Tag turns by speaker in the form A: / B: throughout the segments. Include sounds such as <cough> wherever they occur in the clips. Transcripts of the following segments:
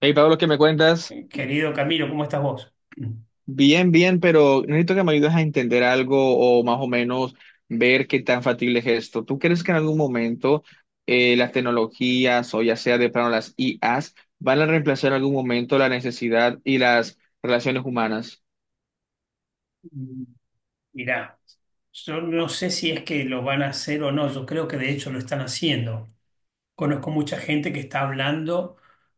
A: Hey Pablo, ¿qué me cuentas?
B: Querido Camilo, ¿cómo estás vos?
A: Bien, bien, pero necesito que me ayudes a entender algo o más o menos ver qué tan factible es esto. ¿Tú crees que en algún momento las tecnologías o ya sea de plano las IAs van a reemplazar en algún momento la necesidad y las relaciones humanas?
B: <clears throat> Mirá, yo no sé si es que lo van a hacer o no. Yo creo que de hecho lo están haciendo. Conozco mucha gente que está hablando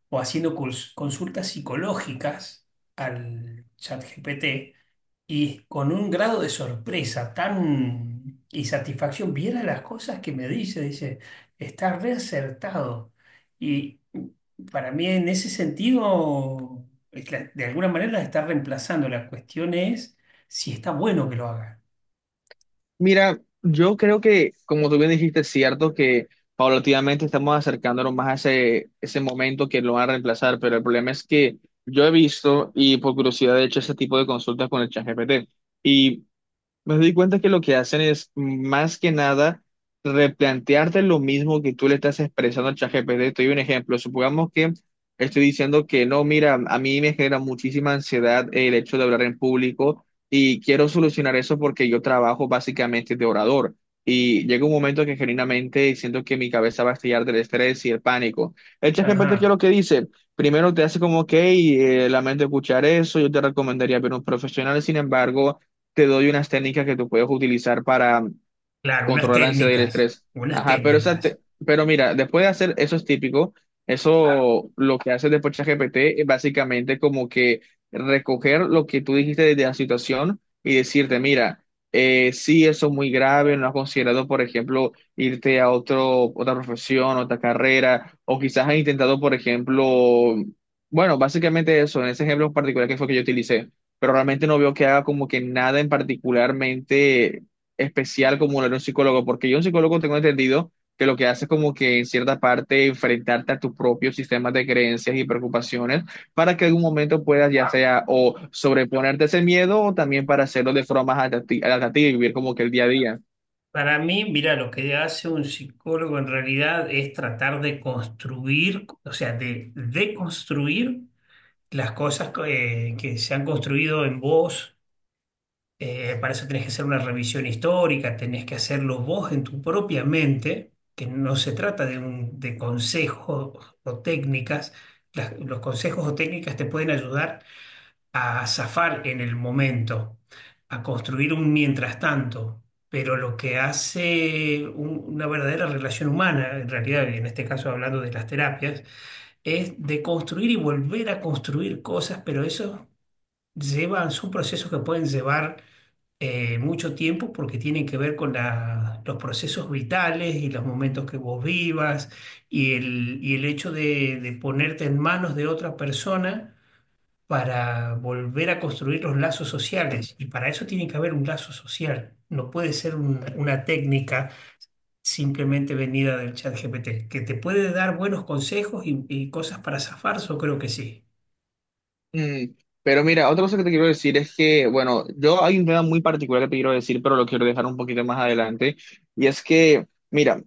B: o haciendo consultas psicológicas al chat GPT, y con un grado de sorpresa tan y satisfacción, viera las cosas que me dice, dice, está reacertado. Y para mí en ese sentido, de alguna manera la está reemplazando. La cuestión es si está bueno que lo haga.
A: Mira, yo creo que, como tú bien dijiste, es cierto que paulatinamente estamos acercándonos más a ese momento que lo van a reemplazar, pero el problema es que yo he visto y por curiosidad he hecho ese tipo de consultas con el ChatGPT. Y me doy cuenta que lo que hacen es más que nada replantearte lo mismo que tú le estás expresando al ChatGPT. Te doy un ejemplo. Supongamos que estoy diciendo que no, mira, a mí me genera muchísima ansiedad el hecho de hablar en público y quiero solucionar eso porque yo trabajo básicamente de orador. Y llega un momento que genuinamente siento que mi cabeza va a estallar del estrés y el pánico. El ChatGPT, ¿qué es
B: Ajá,
A: lo que dice? Primero te hace como, ok, lamento escuchar eso, yo te recomendaría ver un profesional, sin embargo te doy unas técnicas que tú puedes utilizar para
B: claro, unas
A: controlar la ansiedad y el
B: técnicas,
A: estrés.
B: unas
A: Ajá, pero,
B: técnicas.
A: pero mira, después de hacer eso es típico, claro. Eso lo que hace después ChatGPT es básicamente como que recoger lo que tú dijiste desde la situación y decirte, mira, sí, eso es muy grave, no has considerado, por ejemplo, irte a otra profesión, otra carrera, o quizás has intentado, por ejemplo, bueno, básicamente eso, en ese ejemplo particular que fue que yo utilicé, pero realmente no veo que haga como que nada en particularmente especial como lo era un psicólogo, porque yo un psicólogo tengo entendido que lo que hace es como que en cierta parte enfrentarte a tus propios sistemas de creencias y preocupaciones para que en algún momento puedas ya sea o sobreponerte a ese miedo o también para hacerlo de forma más adaptativa y vivir como que el día a día.
B: Para mí, mira, lo que hace un psicólogo en realidad es tratar de construir, o sea, de deconstruir las cosas que se han construido en vos. Para eso tenés que hacer una revisión histórica, tenés que hacerlo vos en tu propia mente, que no se trata de consejos o técnicas. Los consejos o técnicas te pueden ayudar a zafar en el momento, a construir un mientras tanto. Pero lo que hace una verdadera relación humana, en realidad, y en este caso hablando de las terapias, es de construir y volver a construir cosas, pero eso llevan, son procesos que pueden llevar mucho tiempo, porque tienen que ver con los procesos vitales y los momentos que vos vivas, y el hecho de ponerte en manos de otra persona para volver a construir los lazos sociales. Y para eso tiene que haber un lazo social. No puede ser una técnica simplemente venida del chat GPT, que te puede dar buenos consejos y cosas para zafar, yo creo que sí.
A: Mm, pero mira, otra cosa que te quiero decir es que, bueno, yo hay un tema muy particular que te quiero decir, pero lo quiero dejar un poquito más adelante. Y es que, mira,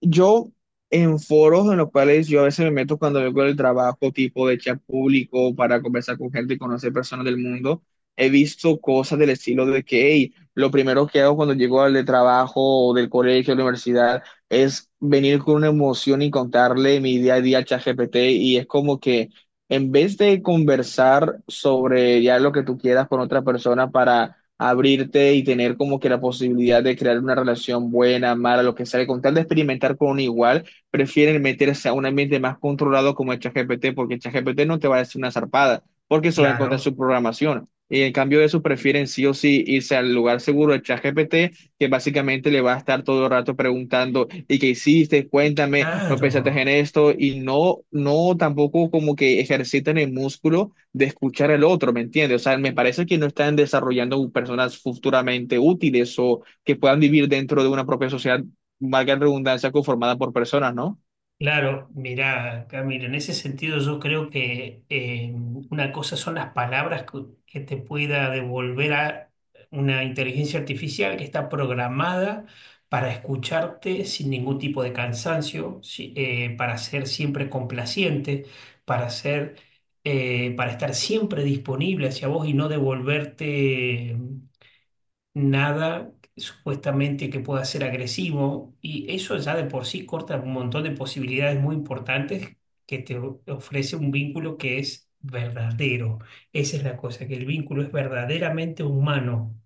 A: yo en foros en los cuales yo a veces me meto cuando vengo del trabajo, tipo de chat público, para conversar con gente y conocer personas del mundo, he visto cosas del estilo de que, hey, lo primero que hago cuando llego al de trabajo o del colegio, de la universidad, es venir con una emoción y contarle mi día a día al ChatGPT. Y es como que... En vez de conversar sobre ya lo que tú quieras con otra persona para abrirte y tener como que la posibilidad de crear una relación buena, mala, lo que sea, con tal de experimentar con un igual, prefieren meterse a un ambiente más controlado como el ChatGPT, porque el ChatGPT no te va a decir una zarpada, porque se va a encontrar su
B: Claro,
A: programación. Y en cambio de eso, prefieren sí o sí irse al lugar seguro del ChatGPT que básicamente le va a estar todo el rato preguntando, ¿y qué hiciste? Cuéntame, ¿no pensaste en
B: claro.
A: esto? Y no, no tampoco como que ejercitan el músculo de escuchar al otro, ¿me entiendes? O sea, me parece que no están desarrollando personas futuramente útiles o que puedan vivir dentro de una propia sociedad, valga la redundancia, conformada por personas, ¿no?
B: Claro, mirá, Camilo, en ese sentido yo creo que una cosa son las palabras que te pueda devolver a una inteligencia artificial que está programada para escucharte sin ningún tipo de cansancio, para ser siempre complaciente, para ser, para estar siempre disponible hacia vos y no devolverte nada supuestamente que pueda ser agresivo. Y eso ya de por sí corta un montón de posibilidades muy importantes que te ofrece un vínculo que es verdadero. Esa es la cosa, que el vínculo es verdaderamente humano.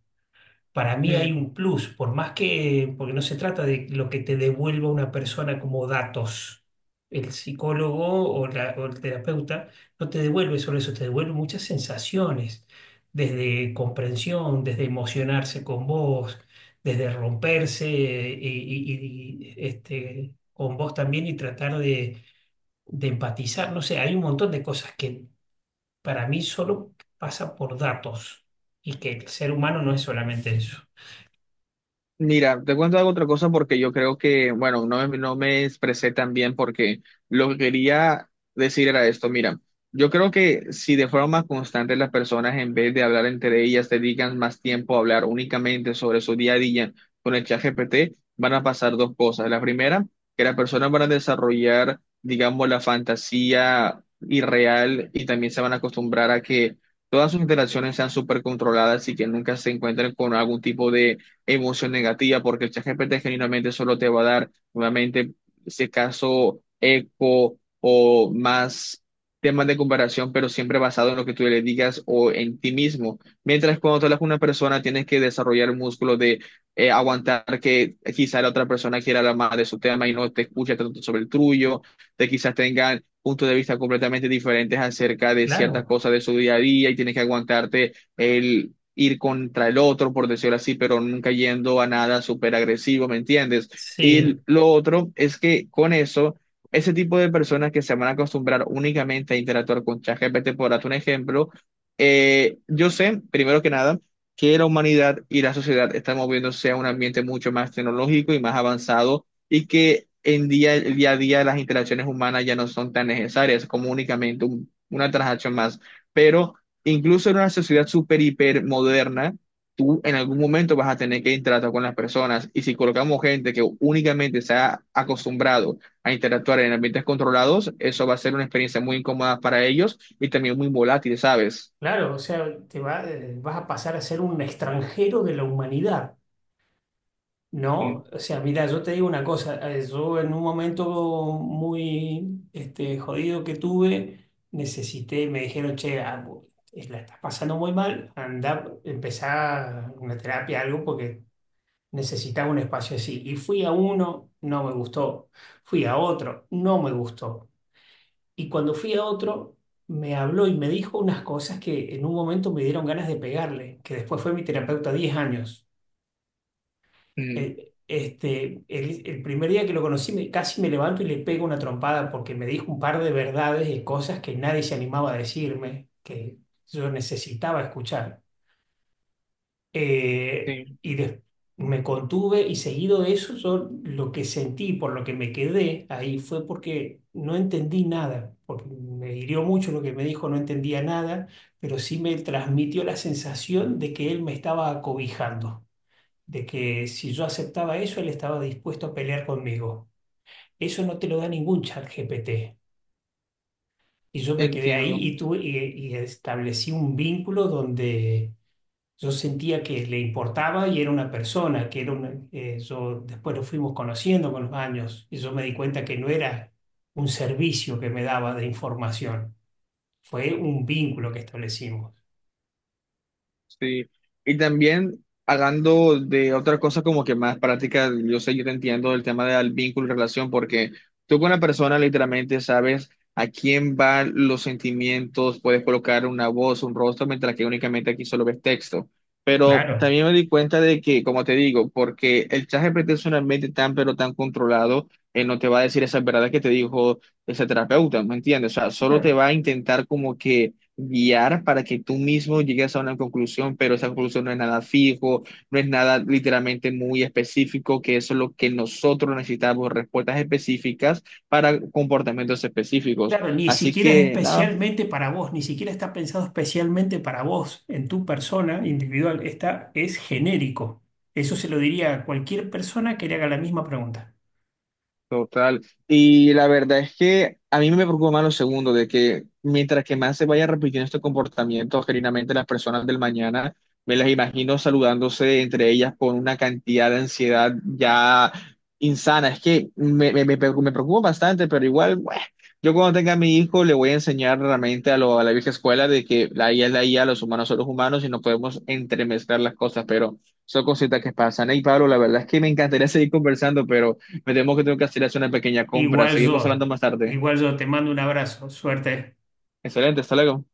B: Para mí hay un plus, por más que, porque no se trata de lo que te devuelva una persona como datos. El psicólogo o el terapeuta no te devuelve solo eso, te devuelve muchas sensaciones: desde comprensión, desde emocionarse con vos, desde romperse con vos también, y tratar de empatizar. No sé, hay un montón de cosas que para mí solo pasa por datos, y que el ser humano no es solamente eso.
A: Mira, te cuento algo otra cosa porque yo creo que, bueno, no me expresé tan bien porque lo que quería decir era esto. Mira, yo creo que si de forma constante las personas en vez de hablar entre ellas dedican más tiempo a hablar únicamente sobre su día a día con el ChatGPT, van a pasar dos cosas. La primera, que las personas van a desarrollar, digamos, la fantasía irreal y también se van a acostumbrar a que todas sus interacciones sean súper controladas y que nunca se encuentren con algún tipo de emoción negativa, porque el ChatGPT genuinamente solo te va a dar, nuevamente, si acaso, eco o más temas de comparación, pero siempre basado en lo que tú le digas o en ti mismo. Mientras cuando tú hablas con una persona, tienes que desarrollar el músculo de aguantar que quizá la otra persona quiera hablar más de su tema y no te escucha tanto sobre el tuyo, de quizás tengan puntos de vista completamente diferentes acerca de ciertas
B: Claro,
A: cosas de su día a día y tienes que aguantarte el ir contra el otro, por decirlo así, pero nunca yendo a nada súper agresivo, ¿me entiendes? Y
B: sí,
A: lo otro es que con eso, ese tipo de personas que se van a acostumbrar únicamente a interactuar con ChatGPT, por darte un ejemplo, yo sé, primero que nada, que la humanidad y la sociedad están moviéndose a un ambiente mucho más tecnológico y más avanzado y que en día, el día a día las interacciones humanas ya no son tan necesarias como únicamente una transacción más. Pero incluso en una sociedad súper, hiper moderna, tú en algún momento vas a tener que interactuar con las personas. Y si colocamos gente que únicamente se ha acostumbrado a interactuar en ambientes controlados, eso va a ser una experiencia muy incómoda para ellos y también muy volátil, ¿sabes?
B: claro, o sea, vas a pasar a ser un extranjero de la humanidad,
A: Mm,
B: ¿no? O sea, mira, yo te digo una cosa. Yo, en un momento muy jodido que tuve, necesité, me dijeron, che, la estás pasando muy mal, anda, empezá una terapia, algo, porque necesitaba un espacio así. Y fui a uno, no me gustó, fui a otro, no me gustó. Y cuando fui a otro, me habló y me dijo unas cosas que en un momento me dieron ganas de pegarle, que después fue mi terapeuta 10 años.
A: mm,
B: El primer día que lo conocí, me, casi me levanto y le pego una trompada, porque me dijo un par de verdades y cosas que nadie se animaba a decirme, que yo necesitaba escuchar. Eh,
A: sí,
B: y de- Me contuve, y seguido de eso, yo lo que sentí, por lo que me quedé ahí, fue porque no entendí nada, porque me hirió mucho lo que me dijo, no entendía nada, pero sí me transmitió la sensación de que él me estaba acobijando, de que si yo aceptaba eso, él estaba dispuesto a pelear conmigo. Eso no te lo da ningún chat GPT. Y yo me quedé ahí
A: entiendo.
B: y, tuve, y establecí un vínculo donde yo sentía que le importaba y era una persona, que era una, yo después lo fuimos conociendo con los años y yo me di cuenta que no era un servicio que me daba de información, fue un vínculo que establecimos.
A: Sí, y también hablando de otra cosa como que más práctica, yo sé, yo te entiendo el tema del vínculo y relación, porque tú con la persona literalmente sabes a quién van los sentimientos, puedes colocar una voz, un rostro, mientras que únicamente aquí solo ves texto. Pero
B: Claro.
A: también me di cuenta de que, como te digo, porque el ChatGPT es un ambiente tan, pero tan controlado, él no te va a decir esas verdades que te dijo ese terapeuta, ¿me entiendes? O sea, solo te
B: Claro,
A: va a intentar como que guiar para que tú mismo llegues a una conclusión, pero esa conclusión no es nada fijo, no es nada literalmente muy específico, que eso es lo que nosotros necesitamos, respuestas específicas para comportamientos específicos.
B: claro, ni
A: Así
B: siquiera es
A: que nada,
B: especialmente para vos, ni siquiera está pensado especialmente para vos, en tu persona individual, está, es genérico. Eso se lo diría a cualquier persona que le haga la misma pregunta.
A: total. Y la verdad es que a mí me preocupa más lo segundo, de que mientras que más se vaya repitiendo este comportamiento, genuinamente las personas del mañana, me las imagino saludándose entre ellas con una cantidad de ansiedad ya insana. Es que me preocupa bastante, pero igual, bueno, yo cuando tenga a mi hijo le voy a enseñar realmente a la vieja escuela de que la IA es la IA, los humanos son los humanos y no podemos entremezclar las cosas, pero son cositas que pasan. Y Pablo, la verdad es que me encantaría seguir conversando, pero... Me temo que tengo que hacer una pequeña compra.
B: Igual
A: Seguimos hablando
B: yo,
A: más tarde.
B: igual yo, te mando un abrazo, suerte.
A: Excelente, hasta luego.